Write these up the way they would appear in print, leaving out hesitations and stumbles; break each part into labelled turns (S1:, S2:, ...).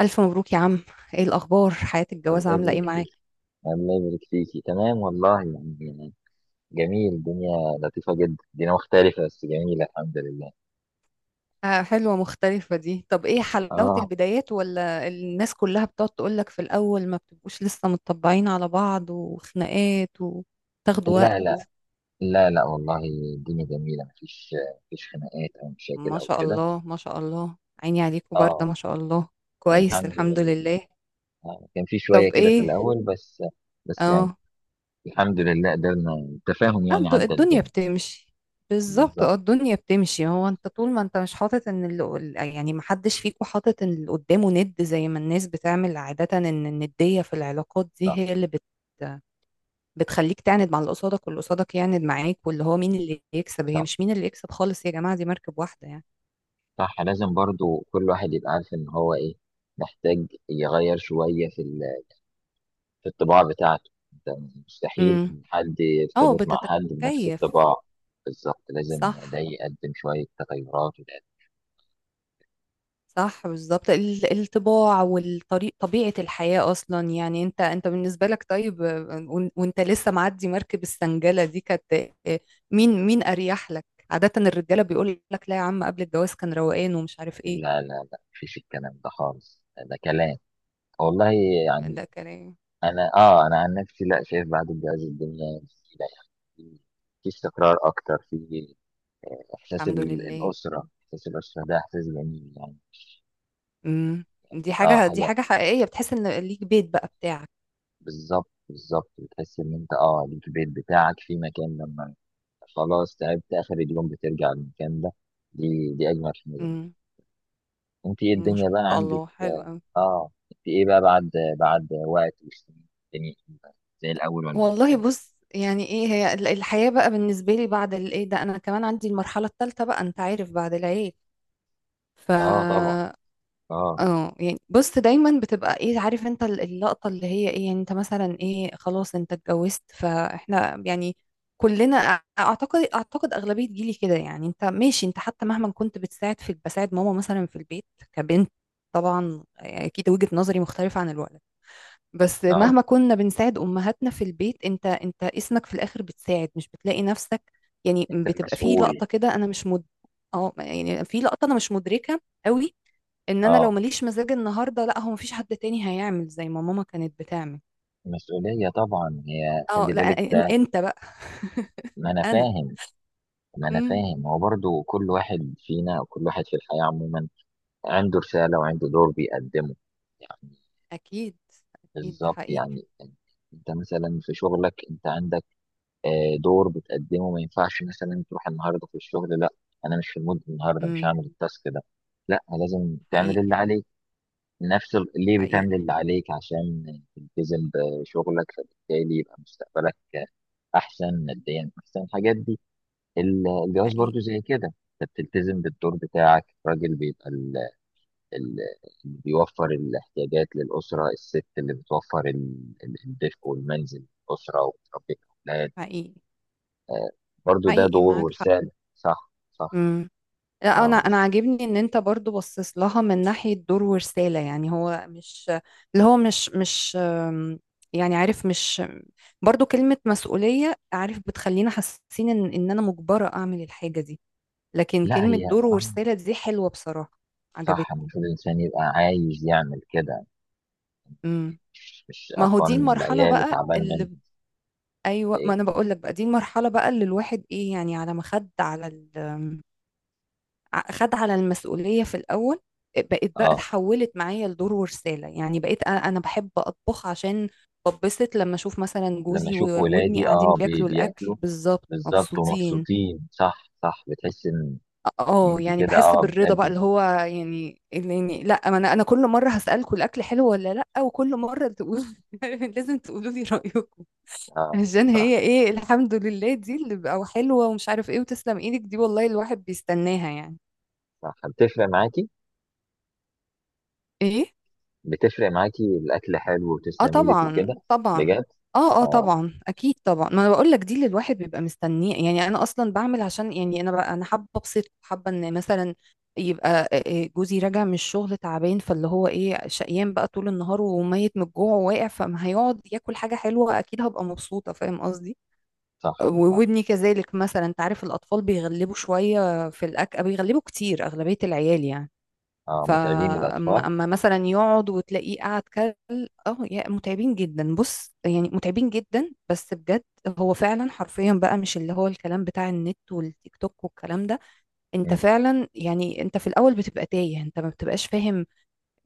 S1: ألف مبروك يا عم. ايه الأخبار؟ حياة
S2: الله
S1: الجواز عاملة ايه
S2: يبارك فيك.
S1: معاك؟
S2: الله يبارك فيكي، تمام والله. يعني جميل الدنيا. لطيفة جدا الدنيا، مختلفة بس جميلة الحمد لله.
S1: آه، حلوة مختلفة دي. طب ايه؟ حلاوة
S2: اه،
S1: البدايات ولا الناس كلها بتقعد تقولك في الأول ما بتبقوش لسه متطبعين على بعض وخناقات وتاخدوا وقت؟
S2: لا لا، لا لا والله. الدنيا جميلة. مفيش خناقات أو مشاكل
S1: ما
S2: أو
S1: شاء
S2: كده.
S1: الله، ما شاء الله، عيني عليكم باردة
S2: اه
S1: ما شاء الله. كويس
S2: الحمد
S1: الحمد
S2: لله.
S1: لله.
S2: آه. كان في شوية
S1: طب
S2: كده في
S1: ايه؟
S2: الأول بس. بس يعني
S1: اه.
S2: الحمد لله قدرنا التفاهم، يعني عدى
S1: الدنيا
S2: الدنيا.
S1: بتمشي. بالظبط،
S2: بالظبط.
S1: اه الدنيا بتمشي. هو انت طول ما انت مش حاطط ان يعني محدش فيكم حاطط ان اللي قدامه ند زي ما الناس بتعمل عادة، ان الندية في العلاقات دي
S2: صح
S1: هي اللي بتخليك تعند مع اللي قصادك واللي قصادك يعند معاك، واللي هو مين اللي يكسب؟ هي
S2: صح
S1: مش مين اللي يكسب خالص يا جماعة، دي مركب واحدة يعني.
S2: صح. لازم برضو كل واحد يبقى عارف إن هو إيه محتاج يغير شوية في الطباع بتاعته. انت مستحيل
S1: امم
S2: حد
S1: اه
S2: يرتبط مع حد بنفس
S1: بتتكيف.
S2: الطباع. بالظبط، لازم ده
S1: صح
S2: يقدم شوية تغيرات
S1: صح بالظبط، الطباع والطريق طبيعة الحياة أصلا. يعني أنت بالنسبة لك طيب، وأنت لسه معدي مركب السنجلة دي كانت. آه، مين أريح لك؟ عادة الرجالة بيقول لك لا يا عم قبل الجواز كان روقان ومش عارف إيه.
S2: لا لا لا، مفيش الكلام ده خالص. ده كلام والله،
S1: ده
S2: يعني
S1: كلام.
S2: أنا عن نفسي، لا شايف بعد الجواز الدنيا جميلة. يعني في استقرار أكتر، في إحساس
S1: الحمد
S2: ال-
S1: لله.
S2: الأسرة إحساس الأسرة ده إحساس جميل يعني.
S1: امم دي
S2: آه
S1: حاجة، دي
S2: حاجة.
S1: حاجة حقيقية، بتحس إن ليك بيت بقى بتاعك.
S2: بالظبط، بتحس ان انت ليك البيت بتاعك في مكان لما خلاص تعبت اخر اليوم بترجع المكان ده. دي اجمل حاجه.
S1: امم
S2: انت ايه
S1: ما
S2: الدنيا
S1: شاء
S2: بقى عندك؟
S1: الله، حلو أوي.
S2: اه، انت ايه بقى بعد وقت والسنين؟ الدنيا زي الاول ولا
S1: والله
S2: مختلف؟
S1: بص، يعني ايه هي الحياة بقى بالنسبة لي بعد الايه ده، انا كمان عندي المرحلة الثالثة بقى انت عارف، بعد العيال. ف
S2: اه طبعا. اه
S1: اه يعني بص دايما بتبقى ايه عارف انت اللقطة اللي هي ايه، يعني انت مثلا ايه، خلاص انت اتجوزت. فاحنا يعني كلنا اعتقد اغلبية جيلي كده، يعني انت ماشي انت حتى مهما كنت بتساعد في بساعد ماما مثلا في البيت كبنت. طبعا اكيد وجهة نظري مختلفة عن الولد، بس
S2: اه.
S1: مهما كنا بنساعد امهاتنا في البيت انت اسمك في الاخر بتساعد، مش بتلاقي نفسك. يعني
S2: انت
S1: بتبقى في
S2: مسؤول.
S1: لقطة كده، انا مش مد اه يعني في لقطة انا مش مدركة قوي ان انا لو
S2: اه
S1: ماليش مزاج النهارده لا هو مفيش حد تاني هيعمل زي ما ماما كانت بتعمل.
S2: مسؤوليه طبعا، هي
S1: اه
S2: خلي
S1: لا
S2: بالك
S1: إن
S2: ده.
S1: انت بقى.
S2: ما انا
S1: انا
S2: فاهم ما انا
S1: امم
S2: فاهم هو برضو، كل واحد فينا وكل واحد في الحياه عموما عنده رسالة وعنده دور بيقدمه يعني.
S1: اكيد، اكيد ده
S2: بالظبط
S1: حقيقي.
S2: يعني. انت مثلا في شغلك انت عندك دور بتقدمه. ما ينفعش مثلا تروح النهارده في الشغل، لا انا مش في المود النهارده، مش
S1: امم
S2: هعمل التاسك ده. لا لازم تعمل اللي
S1: حقيقي
S2: عليك. ليه بتعمل
S1: حقيقي
S2: اللي عليك؟ عشان تلتزم بشغلك، فبالتالي يبقى مستقبلك احسن ماديا، احسن الحاجات دي. الجواز برضو
S1: حقيقي
S2: زي كده. انت بتلتزم بالدور بتاعك. الراجل بيبقى اللي بيوفر الاحتياجات للأسرة، الست اللي بتوفر الدفء والمنزل للأسرة وبتربي الأولاد.
S1: حقيقي
S2: آه، برضو ده
S1: حقيقي
S2: دور
S1: معاك حق.
S2: ورسالة. صح صح.
S1: امم لا انا،
S2: اه بس.
S1: عاجبني ان انت برضو بصص لها من ناحيه دور ورساله، يعني هو مش اللي هو مش يعني عارف، مش برضو كلمه مسؤوليه عارف بتخلينا حاسين ان ان انا مجبره اعمل الحاجه دي، لكن
S2: لا
S1: كلمة
S2: هي
S1: دور
S2: اه.
S1: ورسالة دي حلوة بصراحة،
S2: صح،
S1: عجبتني.
S2: المفروض الإنسان يبقى عايز يعمل كده.
S1: امم
S2: مش
S1: ما هو
S2: قرفان
S1: دي
S2: من
S1: المرحلة
S2: العيال
S1: بقى
S2: وتعبان منهم
S1: ايوه
S2: ولا
S1: ما
S2: إيه.
S1: انا بقول لك بقى، دي المرحلة بقى اللي الواحد ايه يعني على ما خد على ال... خد على المسؤولية في الاول، بقيت بقى
S2: اه
S1: اتحولت معايا لدور ورسالة. يعني بقيت انا بحب اطبخ عشان ببسط لما اشوف مثلا
S2: لما
S1: جوزي
S2: أشوف
S1: وابني
S2: ولادي،
S1: قاعدين بياكلوا
S2: بياكلوا
S1: الاكل بالظبط
S2: بالظبط
S1: مبسوطين.
S2: ومبسوطين. صح صح بتحس إن
S1: اه
S2: أنت
S1: يعني
S2: كده،
S1: بحس
S2: اه
S1: بالرضا بقى،
S2: بتأدي.
S1: اللي هو يعني اللي يعني لا ما انا كل مره هسالكم الاكل حلو ولا لا، وكل مره تقولوا. لازم تقولوا لي رايكم
S2: اه
S1: عشان
S2: صح
S1: هي ايه الحمد لله دي اللي بقى حلوه ومش عارف ايه، وتسلم ايدك دي والله الواحد بيستناها يعني.
S2: صح. بتفرق معاكي
S1: ايه،
S2: بتفرق معاكي الاكل حلو
S1: اه
S2: وتسلم ايدك
S1: طبعا
S2: وكده،
S1: طبعا.
S2: بجد.
S1: اه اه
S2: اه
S1: طبعا اكيد طبعا، ما انا بقول لك دي اللي الواحد بيبقى مستنيه يعني. انا اصلا بعمل عشان يعني انا بقى، انا حابه ابسط، حابه ان مثلا يبقى إيه جوزي راجع من الشغل تعبان، فاللي هو ايه شقيان بقى طول النهار وميت من الجوع وواقع، فما هيقعد ياكل حاجه حلوه اكيد هبقى مبسوطه، فاهم قصدي.
S2: صح صح.
S1: وابني كذلك مثلا، انت عارف الاطفال بيغلبوا شويه في الاكل، بيغلبوا كتير اغلبيه العيال يعني.
S2: اه متعبين الاطفال.
S1: اما مثلا يقعد وتلاقيه قاعد كل. اه يا متعبين جدا. بص يعني متعبين جدا بس بجد، هو فعلا حرفيا بقى مش اللي هو الكلام بتاع النت والتيك توك والكلام ده، انت
S2: مم،
S1: فعلا يعني انت في الاول بتبقى تايه، انت ما بتبقاش فاهم.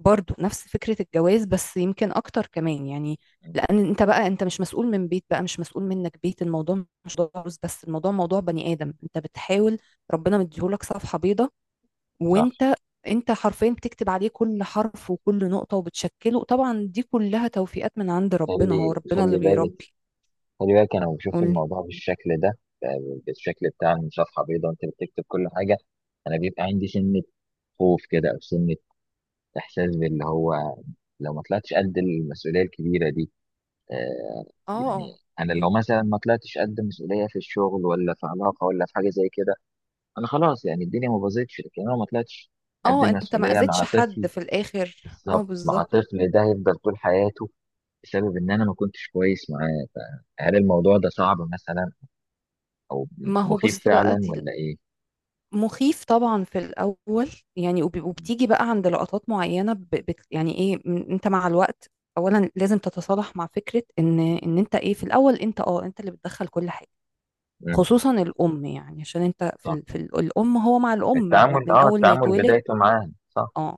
S1: برضو نفس فكرة الجواز بس يمكن اكتر كمان يعني،
S2: مم،
S1: لان انت بقى انت مش مسؤول من بيت بقى، مش مسؤول منك بيت، الموضوع مش موضوع فلوس بس، الموضوع موضوع بني ادم انت بتحاول. ربنا مديهولك صفحة بيضاء،
S2: صح.
S1: وانت حرفيا بتكتب عليه كل حرف وكل نقطة وبتشكله. طبعا دي كلها توفيقات من عند ربنا، هو
S2: خلي
S1: ربنا اللي
S2: خلي بالك
S1: بيربي.
S2: خلي بالك انا بشوف
S1: قولي.
S2: الموضوع بالشكل ده، بالشكل بتاع إن صفحه بيضاء انت بتكتب كل حاجه. انا بيبقى عندي سنه خوف كده، او سنه احساس باللي هو لو ما طلعتش قد المسؤوليه الكبيره دي. آه يعني
S1: اه
S2: انا
S1: ان-
S2: لو مثلا ما طلعتش قد مسؤوليه في الشغل ولا في علاقه ولا في حاجه زي كده، انا خلاص يعني الدنيا ما باظتش. لكن انا ما طلعتش قد
S1: اه انت ما
S2: المسؤوليه مع
S1: اذيتش حد
S2: طفل.
S1: في الاخر. اه
S2: بالظبط، مع
S1: بالظبط.
S2: طفل ده هيفضل طول حياته بسبب ان انا ما كنتش كويس معاه. هل الموضوع ده صعب مثلا او
S1: ما هو
S2: مخيف
S1: بص بقى
S2: فعلا
S1: دي،
S2: ولا ايه؟
S1: مخيف طبعا في الاول. يعني وبتيجي بقى عند لقطات معينة، ب- بت يعني ايه انت مع الوقت اولا لازم تتصالح مع فكرة ان ان انت ايه، في الاول انت اه انت اللي بتدخل كل حاجة
S2: امم
S1: خصوصا الأم. يعني عشان انت في,
S2: صح.
S1: ال... في ال... الأم، هو مع الأم
S2: التعامل
S1: من
S2: اه
S1: أول ما
S2: التعامل
S1: يتولد.
S2: بدايته معاه. صح.
S1: اه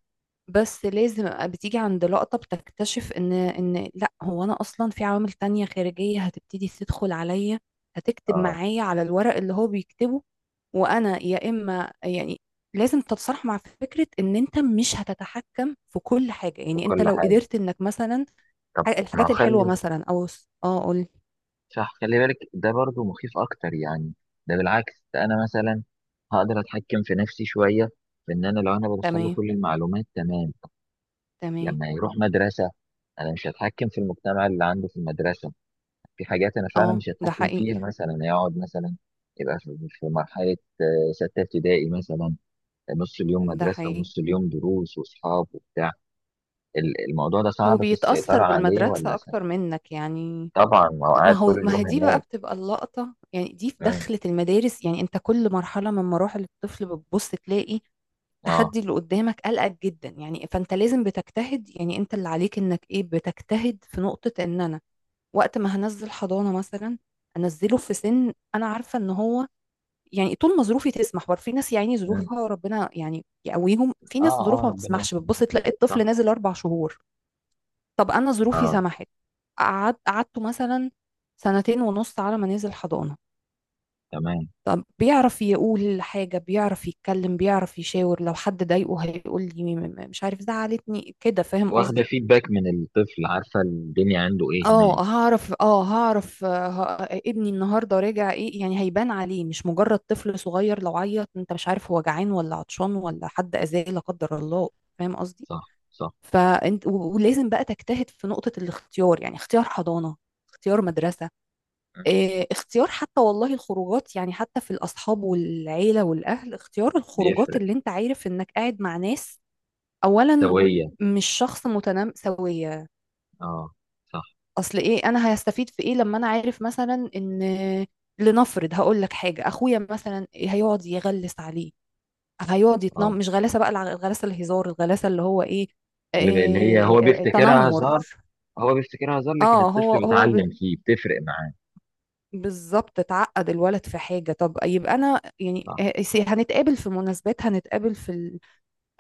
S1: بس لازم أبقى، بتيجي عند لقطة بتكتشف ان ان لا هو انا اصلا في عوامل تانية خارجية هتبتدي تدخل عليا، هتكتب
S2: اه
S1: معايا على الورق اللي هو بيكتبه. وانا يا اما يعني لازم تتصالح مع فكرة ان انت مش هتتحكم في كل حاجة.
S2: في
S1: يعني انت
S2: كل
S1: لو
S2: حاجه.
S1: قدرت انك مثلا
S2: طب ما هو
S1: الحاجات الحلوة
S2: خلي.
S1: مثلا او اه قول.
S2: صح، خلي بالك ده برضو مخيف اكتر يعني. ده بالعكس، ده انا مثلا هقدر اتحكم في نفسي شويه، في ان انا لو انا بدخل له
S1: تمام
S2: كل المعلومات تمام.
S1: تمام.
S2: لما يروح مدرسة أنا مش هتحكم في المجتمع اللي عنده في المدرسة. في حاجات أنا فعلا
S1: اه
S2: مش
S1: ده
S2: هتحكم
S1: حقيقي.
S2: فيها. مثلا يقعد مثلا يبقى في مرحلة ستة ابتدائي مثلا، نص اليوم
S1: ده
S2: مدرسة
S1: حقيقي.
S2: ونص اليوم دروس وأصحاب وبتاع. الموضوع ده صعب في السيطرة
S1: وبيتأثر
S2: عليه ولا
S1: بالمدرسة
S2: سهل؟
S1: أكتر منك يعني.
S2: طبعا، ما هو
S1: لا ما
S2: قاعد طول
S1: هو، ما هي
S2: اليوم
S1: دي بقى
S2: هناك.
S1: بتبقى اللقطة يعني، دي في
S2: مم.
S1: دخلة المدارس يعني. أنت كل مرحلة من مراحل الطفل بتبص تلاقي
S2: اه.
S1: التحدي اللي قدامك قلقك جدا يعني، فأنت لازم بتجتهد يعني. أنت اللي عليك إنك إيه، بتجتهد في نقطة إن أنا وقت ما هنزل حضانة مثلا أنزله في سن أنا عارفة إن هو، يعني طول ما ظروفي تسمح. برضه في ناس يعني
S2: مم.
S1: ظروفها ربنا يعني يقويهم، في
S2: اه
S1: ناس ظروفها
S2: اه
S1: ما
S2: ربنا
S1: بتسمحش بتبص
S2: يسلمك.
S1: تلاقي
S2: صح.
S1: الطفل نازل 4 شهور. طب انا ظروفي
S2: اه
S1: سمحت، قعد قعدته مثلا سنتين ونص على ما نزل حضانة.
S2: تمام،
S1: بيعرف يقول حاجة، بيعرف يتكلم، بيعرف يشاور لو حد ضايقه هيقول لي مش عارف زعلتني كده، فاهم
S2: واخدة
S1: قصدي.
S2: فيدباك من الطفل، عارفة الدنيا عنده ايه هناك.
S1: اه هعرف ابني النهارده راجع ايه، يعني هيبان عليه. مش مجرد طفل صغير لو عيط انت مش عارف هو جعان ولا عطشان ولا حد اذاه لا قدر الله، فاهم قصدي.
S2: صح صح.
S1: فانت ولازم بقى تجتهد في نقطة الاختيار، يعني اختيار حضانة، اختيار مدرسة،
S2: مم.
S1: اختيار حتى والله الخروجات، يعني حتى في الأصحاب والعيلة والأهل، اختيار الخروجات
S2: بيفرق
S1: اللي انت عارف انك قاعد مع ناس أولا
S2: سوية.
S1: مش شخص متنمساوية.
S2: اه صح.
S1: أصل ايه أنا هستفيد في ايه لما أنا عارف مثلا ان، لنفرض هقول لك حاجة، أخويا مثلا هيقعد يغلس عليه، هيقعد يتنم،
S2: اه
S1: مش غلاسة بقى الغلاسة الهزار، الغلاسة اللي هو ايه،
S2: اللي هي هو بيفتكرها
S1: تنمر.
S2: هزار. هو بيفتكرها هزار لكن
S1: اه هو
S2: الطفل
S1: هو
S2: بيتعلم فيه، بتفرق معاه.
S1: بالظبط، اتعقد الولد في حاجة. طب يبقى أنا يعني
S2: صح،
S1: هنتقابل في مناسبات، هنتقابل في ال...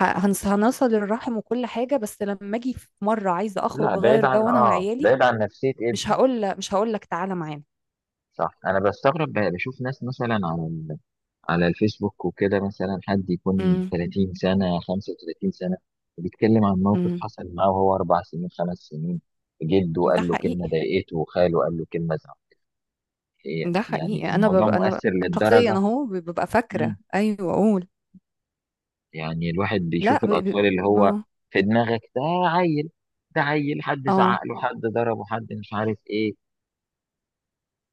S1: هنصل الرحم وكل حاجة، بس لما أجي في مرة عايزة
S2: لا
S1: أخرج
S2: بعيد
S1: أغير
S2: عن،
S1: جو أنا
S2: اه
S1: وعيالي،
S2: بعيد عن نفسية
S1: مش
S2: ابني.
S1: هقول، مش هقول لك تعالى معانا.
S2: صح. انا بستغرب، بشوف ناس مثلا على على الفيسبوك وكده، مثلا حد يكون
S1: امم
S2: 30 سنة، 35 سنة، بيتكلم عن موقف
S1: امم
S2: حصل معاه وهو اربع سنين خمس سنين. جده
S1: ده
S2: قال له كلمة
S1: حقيقي،
S2: ضايقته، وخاله قال له كلمة زعل.
S1: ده
S2: يعني
S1: حقيقي. أنا
S2: الموضوع
S1: ببقى، أنا ببقى
S2: مؤثر
S1: شخصيا
S2: للدرجة؟
S1: أهو ببقى
S2: مم.
S1: فاكرة، أيوه أقول.
S2: يعني الواحد
S1: لا
S2: بيشوف
S1: ب... ب...
S2: الأطفال اللي هو
S1: اه
S2: في دماغك ده عيل. ده عيل، حد
S1: اه،
S2: زعق له، حد ضربه، حد مش عارف إيه.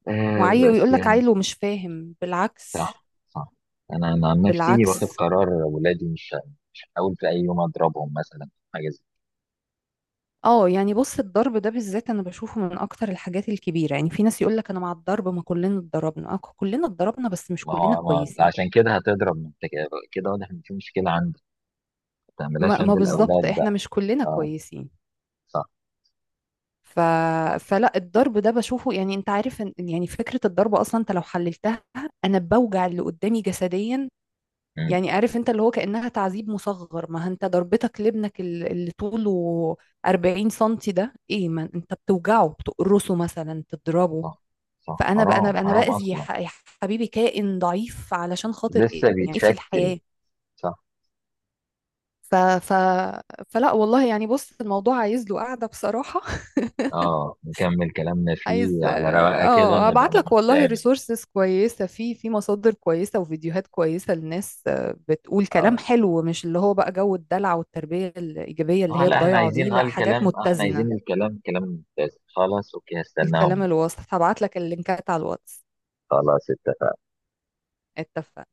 S1: وعيل،
S2: بس
S1: ويقول لك
S2: يعني.
S1: عيل ومش فاهم، بالعكس.
S2: صح صح. أنا عن نفسي واخد
S1: بالعكس.
S2: قرار ولادي مش هحاول في أي يوم أضربهم مثلا، حاجة زي.
S1: اه يعني بص الضرب ده بالذات انا بشوفه من اكتر الحاجات الكبيره يعني، في ناس يقول لك انا مع الضرب ما كلنا اتضربنا، اه كلنا اتضربنا بس مش
S2: ما
S1: كلنا
S2: هو، ما أنت
S1: كويسين.
S2: عشان كده هتضرب. ما أنت كده كده واضح إن في مشكلة عندك. ما تعملهاش
S1: ما, ما
S2: عند
S1: بالظبط
S2: الأولاد
S1: احنا
S2: بقى.
S1: مش كلنا
S2: أه
S1: كويسين.
S2: صح
S1: ف...
S2: صح.
S1: فلا الضرب ده بشوفه يعني، انت عارف ان يعني فكره الضرب اصلا انت لو حللتها انا بوجع اللي قدامي جسديا،
S2: مم،
S1: يعني عارف انت اللي هو كانها تعذيب مصغر. ما انت ضربتك لابنك اللي طوله 40 سنتي ده ايه، ما انت بتوجعه، بتقرصه مثلا، تضربه.
S2: صح صح.
S1: فانا بقى، انا
S2: حرام
S1: بقى انا
S2: حرام
S1: باذي يا
S2: أصلا.
S1: يا حبيبي كائن ضعيف علشان خاطر
S2: لسه
S1: ايه، يعني إيه في
S2: بيتشكل.
S1: الحياه.
S2: صح
S1: ف... ف... فلا والله يعني، بص الموضوع عايز له قاعده بصراحه.
S2: اه نكمل كلامنا
S1: عايز
S2: فيه على رواقه كده،
S1: اه
S2: نبقى
S1: ابعت لك
S2: لما
S1: والله
S2: نتقابل.
S1: ريسورسز كويسه في، في مصادر كويسه وفيديوهات كويسه للناس، بتقول كلام
S2: اه
S1: حلو، مش اللي هو بقى جو الدلع والتربيه الايجابيه اللي
S2: اه،
S1: هي
S2: لا احنا
S1: الضايعه دي،
S2: عايزين،
S1: لا حاجات
S2: الكلام احنا
S1: متزنه،
S2: عايزين الكلام كلام ممتاز. خلاص اوكي،
S1: الكلام
S2: هستناهم.
S1: الوسط. هبعت لك اللينكات على الواتس.
S2: خلاص.
S1: اتفقنا.